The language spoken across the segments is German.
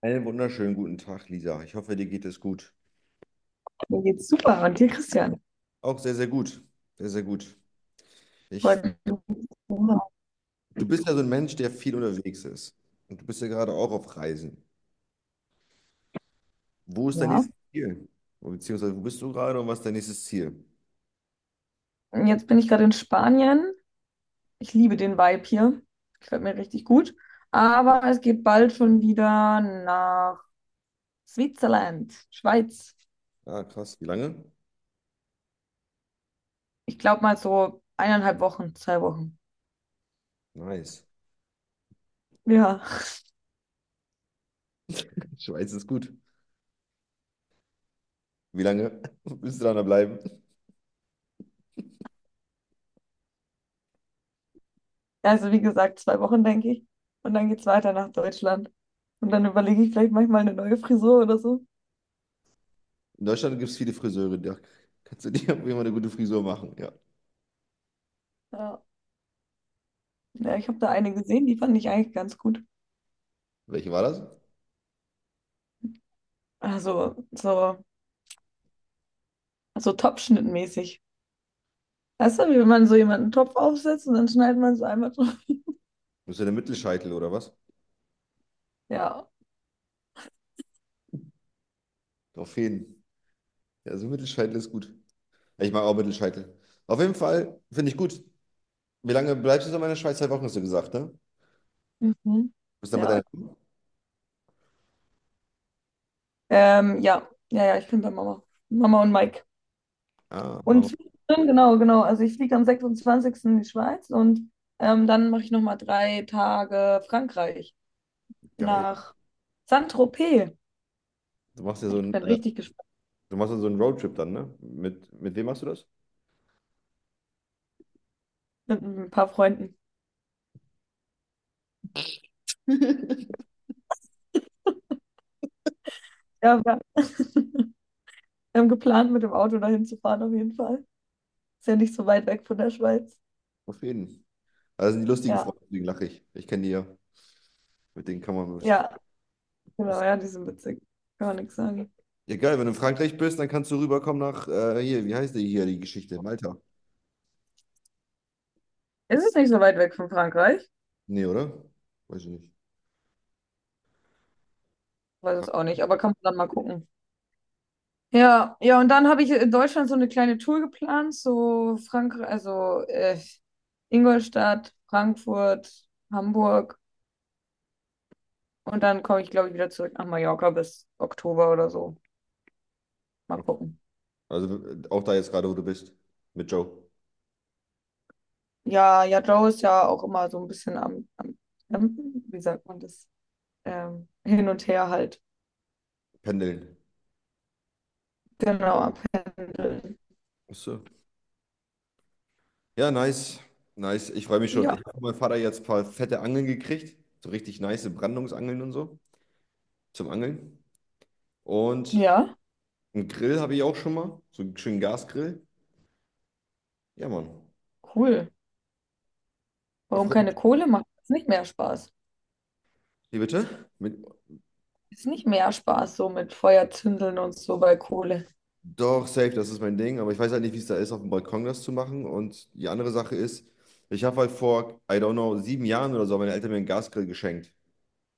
Einen wunderschönen guten Tag, Lisa. Ich hoffe, dir geht es gut. Mir geht's super. Und dir, Christian? Auch sehr, sehr gut. Sehr, sehr gut. Ich, Heute. Du bist ja so ein Mensch, der viel unterwegs ist. Und du bist ja gerade auch auf Reisen. Wo ist dein Ja. nächstes Ziel? Beziehungsweise, wo bist du gerade und was ist dein nächstes Ziel? Und jetzt bin ich gerade in Spanien. Ich liebe den Vibe hier. Gefällt mir richtig gut. Aber es geht bald schon wieder nach Switzerland, Schweiz. Ah, krass. Wie lange? Ich glaube mal so 1,5 Wochen, 2 Wochen. Nice. Ja. Schweiz ist gut. Wie lange willst du da noch bleiben? Also wie gesagt, 2 Wochen, denke ich. Und dann geht's weiter nach Deutschland. Und dann überlege ich vielleicht manchmal eine neue Frisur oder so. In Deutschland gibt es viele Friseure. Da kannst du dir auf jeden Fall eine gute Frisur machen. Ja. Ja. Ja, ich habe da eine gesehen, die fand ich eigentlich ganz gut. Welche war das? Also so Top-Schnitt-mäßig. Weißt du, wie wenn man so jemanden Topf aufsetzt und dann schneidet man es einmal drauf. Bist du der Mittelscheitel oder was? Ja. Auf jeden. Ja, so Mittelscheitel ist gut. Ich mag auch Mittelscheitel. Auf jeden Fall finde ich gut. Wie lange bleibst du so in der Schweiz? 2 Wochen hast du gesagt, ne? Mhm. Bist dann bei Ja. deiner. Ja. Ja, ja, ich bin bei Mama. Mama und Mike. Ah, Und Mama, zwischendrin, genau, genau. Also ich fliege am 26. in die Schweiz und dann mache ich nochmal 3 Tage Frankreich geil. nach Saint-Tropez. Du machst ja so Ich einen, bin äh, richtig gespannt Du machst ja so einen Roadtrip dann, ne? Mit wem machst du das? mit ein paar Freunden. Ja, wir haben geplant, mit dem Auto dahin zu fahren auf jeden Fall. Ist ja nicht so weit weg von der Schweiz. Auf jeden. Das sind die lustigen Ja, Freunde, deswegen lache ich. Ich kenne die ja. Mit denen kann man. ja, genau, Ist, ja, die sind witzig. Kann man nichts sagen. ja, geil, wenn du in Frankreich bist, dann kannst du rüberkommen nach. Hier, wie heißt die hier die Geschichte? Malta. Ist es nicht so weit weg von Frankreich? Nee, oder? Weiß ich nicht. Weiß es Fra- auch nicht, aber kann man dann mal gucken. Ja, ja, und dann habe ich in Deutschland so eine kleine Tour geplant, so Frankreich, also Ingolstadt, Frankfurt, Hamburg und dann komme ich, glaube ich, wieder zurück nach Mallorca bis Oktober oder so. Mal gucken. Also, auch da jetzt gerade, wo du bist. Mit Joe. Ja, ja, Joe ist ja auch immer so ein bisschen am Campen, wie sagt man das? Hin und her halt. Pendeln. Genau, am Pendeln. Achso. Ja, nice. Nice. Ich freue mich schon. Ja, Ich habe von meinem Vater jetzt ein paar fette Angeln gekriegt. So richtig nice Brandungsangeln und so zum Angeln. Und ja, einen Grill habe ich auch schon mal. So einen schönen Gasgrill. Ja, Mann. cool. Da Warum freue ich keine mich. Kohle macht das nicht mehr Spaß? Wie bitte? Mit, Ist nicht mehr Spaß so mit Feuer zündeln und so bei Kohle. doch, safe, das ist mein Ding. Aber ich weiß halt nicht, wie es da ist, auf dem Balkon das zu machen. Und die andere Sache ist, ich habe halt vor, I don't know, 7 Jahren oder so, haben meine Eltern mir einen Gasgrill geschenkt.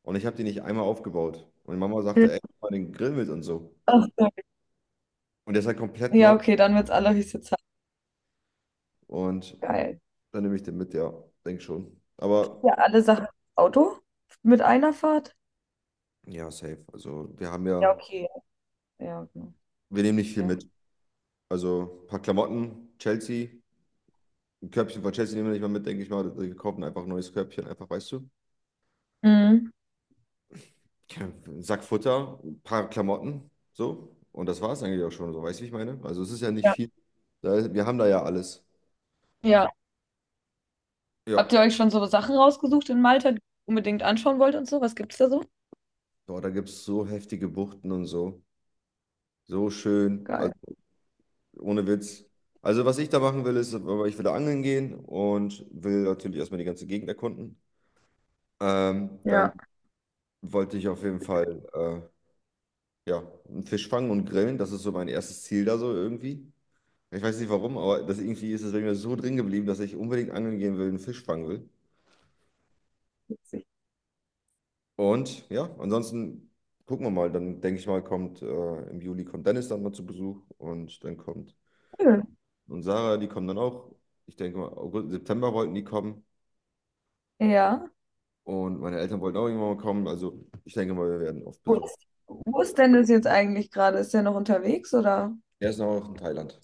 Und ich habe den nicht einmal aufgebaut. Und meine Mama sagte, Ja. ey, mach mal den Grill mit und so. Ach, so. Und der ist halt komplett neu. Ja, okay, dann wird's alle richtig Zeit. Und Geil. dann nehme ich den mit, ja. Denk schon. Aber Ja, alle Sachen im Auto mit einer Fahrt? ja, safe. Ja, okay. Ja, genau. Wir nehmen nicht viel Ja. mit. Also ein paar Klamotten, Chelsea, ein Körbchen von Chelsea nehmen wir nicht mal mit, denke ich mal. Wir kaufen einfach ein neues Körbchen, einfach, weißt du. Mhm. Ja, ein Sack Futter, ein paar Klamotten, so. Und das war es eigentlich auch schon, so weißt du, wie ich meine? Also es ist ja nicht Ja. viel. Wir haben da ja alles. Ja. Ja. Habt ihr euch schon so Sachen rausgesucht in Malta, die ihr unbedingt anschauen wollt und so? Was gibt's da so? Boah, da gibt es so heftige Buchten und so. So schön. Also, Geil. ohne Witz. Also, was ich da machen will, ist, aber ich will da angeln gehen und will natürlich erstmal die ganze Gegend erkunden. Dann Ja. wollte ich auf jeden Fall ja, einen Fisch fangen und grillen. Das ist so mein erstes Ziel da so irgendwie. Ich weiß nicht warum, aber das irgendwie ist es bei mir so drin geblieben, dass ich unbedingt angeln gehen will, einen Fisch fangen will. Witzig. Und ja, ansonsten gucken wir mal. Dann denke ich mal, kommt im Juli kommt Dennis dann mal zu Besuch und dann kommt Cool. und Sarah, die kommen dann auch. Ich denke mal, August, September wollten die kommen. Ja. Und meine Eltern wollten auch irgendwann mal kommen. Also ich denke mal, wir werden oft Wo besucht. ist, wo ist denn das jetzt eigentlich gerade? Ist der noch unterwegs oder? Er ist noch in Thailand.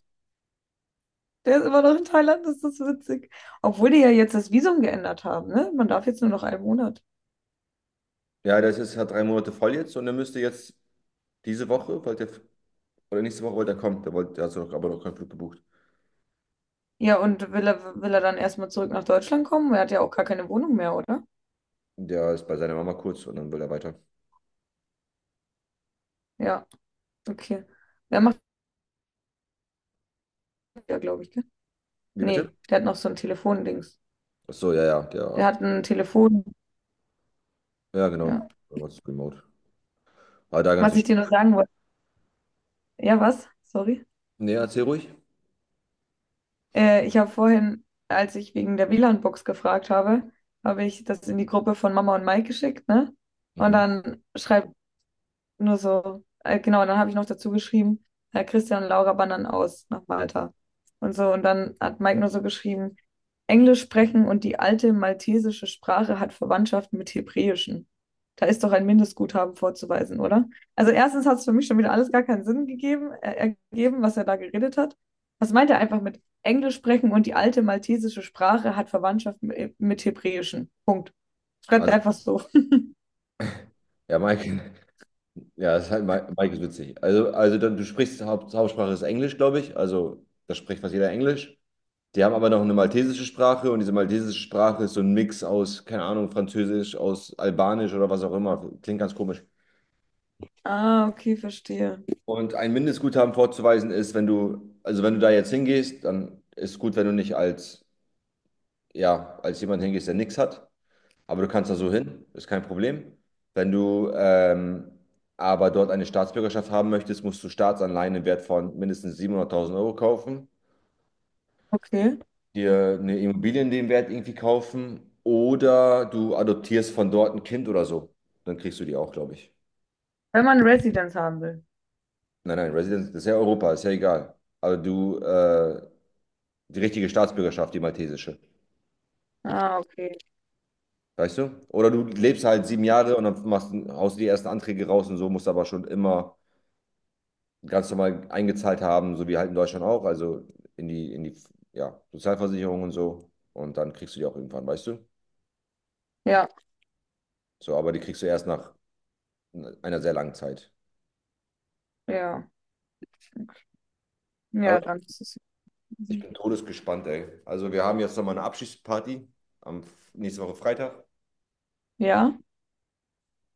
Der ist immer noch in Thailand, das ist witzig. Obwohl die ja jetzt das Visum geändert haben, ne? Man darf jetzt nur noch einen Monat. Ja, der ist jetzt hat 3 Monate voll jetzt und er müsste jetzt diese Woche, wollte er, oder nächste Woche wollte er kommen. Der hat so noch, aber noch keinen Flug gebucht. Ja, und will er dann erstmal zurück nach Deutschland kommen? Er hat ja auch gar keine Wohnung mehr, oder? Der ist bei seiner Mama kurz und dann will er weiter. Ja, okay. Der macht ja, glaube ich, gell? Wie bitte? Nee, der hat noch so ein Telefondings. Ach so, ja, ja, Der hat ein Telefon, ja, genau. ja. Was ist remote? Aber da ganz Was ich dir noch sagen wollte. Ja, was? Sorry. Nee, erzähl ruhig. Ich habe vorhin, als ich wegen der WLAN-Box gefragt habe, habe ich das in die Gruppe von Mama und Mike geschickt, ne? Und Mhm. dann schreibt nur so, genau, und dann habe ich noch dazu geschrieben, Herr Christian und Laura wandern aus nach Malta. Und so, und dann hat Mike nur so geschrieben, Englisch sprechen und die alte maltesische Sprache hat Verwandtschaft mit Hebräischen. Da ist doch ein Mindestguthaben vorzuweisen, oder? Also erstens hat es für mich schon wieder alles gar keinen Sinn gegeben, ergeben, was er da geredet hat. Was meint er einfach mit Englisch sprechen und die alte maltesische Sprache hat Verwandtschaft mit Hebräischen? Punkt. Schreibt er Also, einfach so. ja, Mike, ja, ist halt, Mike, Mike ist witzig. Also dann, Hauptsprache ist Englisch, glaube ich. Also, da spricht fast jeder Englisch. Die haben aber noch eine maltesische Sprache und diese maltesische Sprache ist so ein Mix aus, keine Ahnung, Französisch, aus Albanisch oder was auch immer. Klingt ganz komisch. Ah, okay, verstehe. Und ein Mindestguthaben vorzuweisen ist, wenn du, also wenn du da jetzt hingehst, dann ist gut, wenn du nicht als, ja, als jemand hingehst, der nichts hat. Aber du kannst da so hin, ist kein Problem. Wenn du aber dort eine Staatsbürgerschaft haben möchtest, musst du Staatsanleihen im Wert von mindestens 700.000 Euro kaufen, Okay. dir eine Immobilie in dem Wert irgendwie kaufen oder du adoptierst von dort ein Kind oder so. Dann kriegst du die auch, glaube ich. Wenn man Residence haben will. Nein, nein, Residence, das ist ja Europa, ist ja egal. Aber die richtige Staatsbürgerschaft, die maltesische. Ah, okay. Weißt du? Oder du lebst halt 7 Jahre und dann haust die ersten Anträge raus und so, musst aber schon immer ganz normal eingezahlt haben, so wie halt in Deutschland auch, also in die, ja, Sozialversicherung und so. Und dann kriegst du die auch irgendwann, weißt du? Ja, So, aber die kriegst du erst nach einer sehr langen Zeit. ja. Aber Ja, dann ist es ich easy. bin todesgespannt, ey. Also wir haben jetzt nochmal eine Abschiedsparty nächste Woche Freitag. Ja.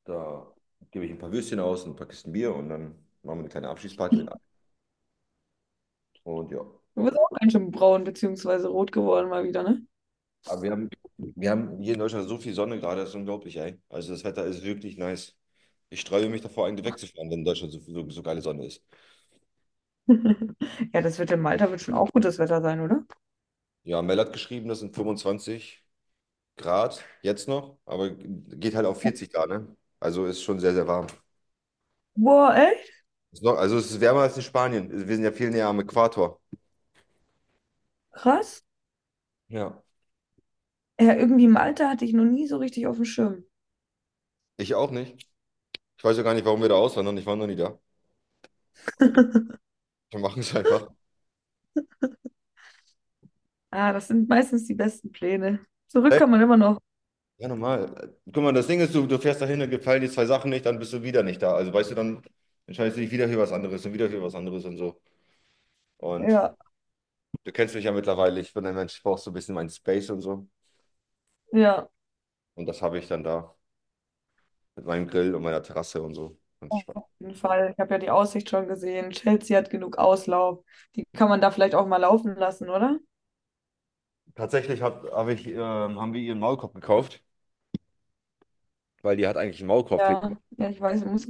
Da gebe ich ein paar Würstchen aus und ein paar Kisten Bier und dann machen wir eine kleine Abschiedsparty Du mit allen. Und ja. bist auch ganz schön braun beziehungsweise rot geworden mal wieder, ne? Aber wir haben hier in Deutschland so viel Sonne gerade, das ist unglaublich, ey. Also das Wetter ist wirklich nice. Ich sträube mich davor, eigentlich wegzufahren, wenn in Deutschland so, so, so geile Sonne ist. Ja, das wird in Malta wird schon auch gutes Wetter sein, oder? Ja, Mel hat geschrieben, das sind 25 Grad jetzt noch, aber geht halt auf 40 Grad, ne? Also ist schon sehr, sehr warm. Boah, echt? Also es ist wärmer als in Spanien. Wir sind ja viel näher am Äquator. Krass. Ja. Ja, irgendwie Malta hatte ich noch nie so richtig auf dem Schirm. Ich auch nicht. Ich weiß ja gar nicht, warum wir da auswandern. Ich war noch nie da. Aber wir machen es einfach. Ah, das sind meistens die besten Pläne. Zurück Hä? kann man immer noch. Ja, normal. Guck mal, das Ding ist, du fährst dahin und gefallen die zwei Sachen nicht, dann bist du wieder nicht da. Also weißt du, dann entscheidest du dich wieder für was anderes und wieder für was anderes und so. Und Ja, du kennst mich ja mittlerweile. Ich bin ein Mensch, ich brauch so ein bisschen meinen Space und so. ja, Und das habe ich dann da mit meinem Grill und meiner Terrasse und so. Ganz auf spannend. jeden Fall. Ich habe ja die Aussicht schon gesehen. Chelsea hat genug Auslauf. Die kann man da vielleicht auch mal laufen lassen, oder? Tatsächlich haben wir ihren Maulkorb gekauft, weil die hat eigentlich einen Maulkorb. Ja, ja, ich weiß, ich muss.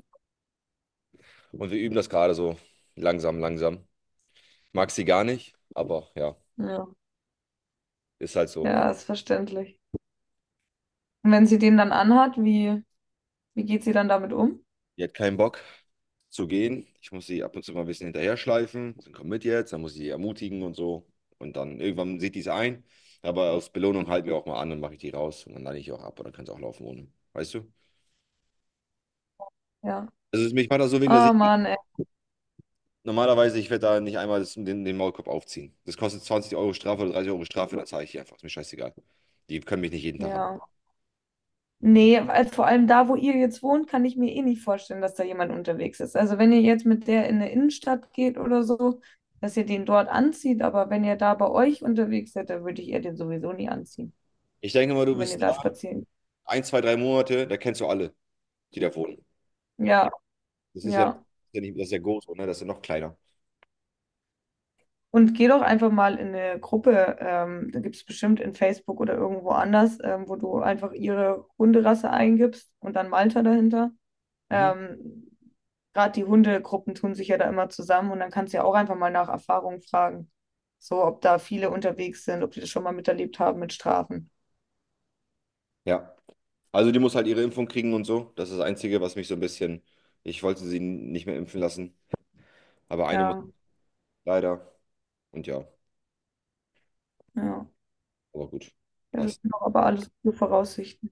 Und wir üben das gerade so langsam, langsam. Mag sie gar nicht, aber ja. Ja, Ist halt so. ja, ist verständlich. Und wenn sie den dann anhat, wie geht sie dann damit um? Die hat keinen Bock zu gehen. Ich muss sie ab und zu mal ein bisschen hinterher schleifen. Dann komm mit jetzt, dann muss ich sie ermutigen und so. Und dann irgendwann sieht die es ein. Aber aus Belohnung halten wir auch mal an und mache ich die raus. Und dann lade ich auch ab und dann kann es auch laufen ohne. Weißt du? Ja. Also mich macht das so wegen der Ah, Sicherheit. Mann, ey. Normalerweise, ich werde da nicht einmal den Maulkorb aufziehen. Das kostet 20 Euro Strafe oder 30 Euro Strafe, dann zahle ich die einfach. Ist mir scheißegal. Die können mich nicht jeden Tag haben. Ja. Nee, weil vor allem da, wo ihr jetzt wohnt, kann ich mir eh nicht vorstellen, dass da jemand unterwegs ist. Also wenn ihr jetzt mit der in eine Innenstadt geht oder so, dass ihr den dort anzieht, aber wenn ihr da bei euch unterwegs seid, dann würde ich ihr den sowieso nie anziehen, Ich denke mal, du wenn bist ihr da da, spazieren 1, 2, 3 Monate, da kennst du alle, die da wohnen. geht. Ja, Das ist ja, noch- ja. das ist ja, nicht, Das ist ja groß, oder? Das ist ja noch kleiner. Und geh doch einfach mal in eine Gruppe, da gibt es bestimmt in Facebook oder irgendwo anders, wo du einfach ihre Hunderasse eingibst und dann Malta dahinter. Mhm. Ähm, Gerade die Hundegruppen tun sich ja da immer zusammen und dann kannst du ja auch einfach mal nach Erfahrung fragen. So, ob da viele unterwegs sind, ob die das schon mal miterlebt haben mit Strafen. Ja, also die muss halt ihre Impfung kriegen und so. Das ist das Einzige, was mich so ein bisschen. Ich wollte sie nicht mehr impfen lassen, aber eine muss Ja, leider. Und ja, ja. aber gut, Ja, das passt. sind doch aber alles gute Voraussichten.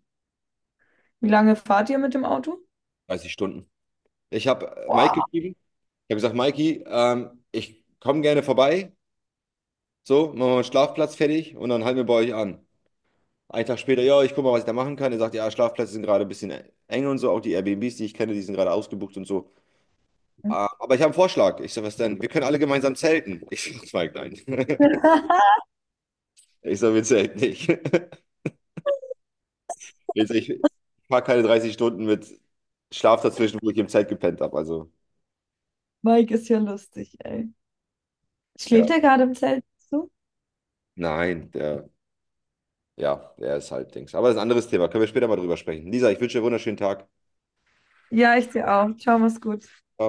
Wie lange fahrt ihr mit dem Auto? 30 Stunden. Ich habe Mike Boah, geschrieben. Ich habe gesagt, Mikey, ich komme gerne vorbei. So, machen wir mal einen Schlafplatz fertig und dann halten wir bei euch an. Einen Tag später, ja, ich gucke mal, was ich da machen kann. Er sagt, ja, Schlafplätze sind gerade ein bisschen eng und so. Auch die Airbnbs, die ich kenne, die sind gerade ausgebucht und so. Ah, aber ich habe einen Vorschlag. Ich sage, was denn? Wir können alle gemeinsam zelten. Ich sage, Mike, nein. Ich sage, willst du echt nicht. Willst du echt, ich fahre keine 30 Stunden mit Schlaf dazwischen, wo ich im Zelt gepennt habe. Also, Mike ist ja lustig, ey. ja. Schläft er gerade im Zelt? Nein, ja, der ist halt Dings. Aber das ist ein anderes Thema. Können wir später mal drüber sprechen. Lisa, ich wünsche dir einen wunderschönen Tag. Ja, ich dir auch. Ciao, mach's gut. Ciao.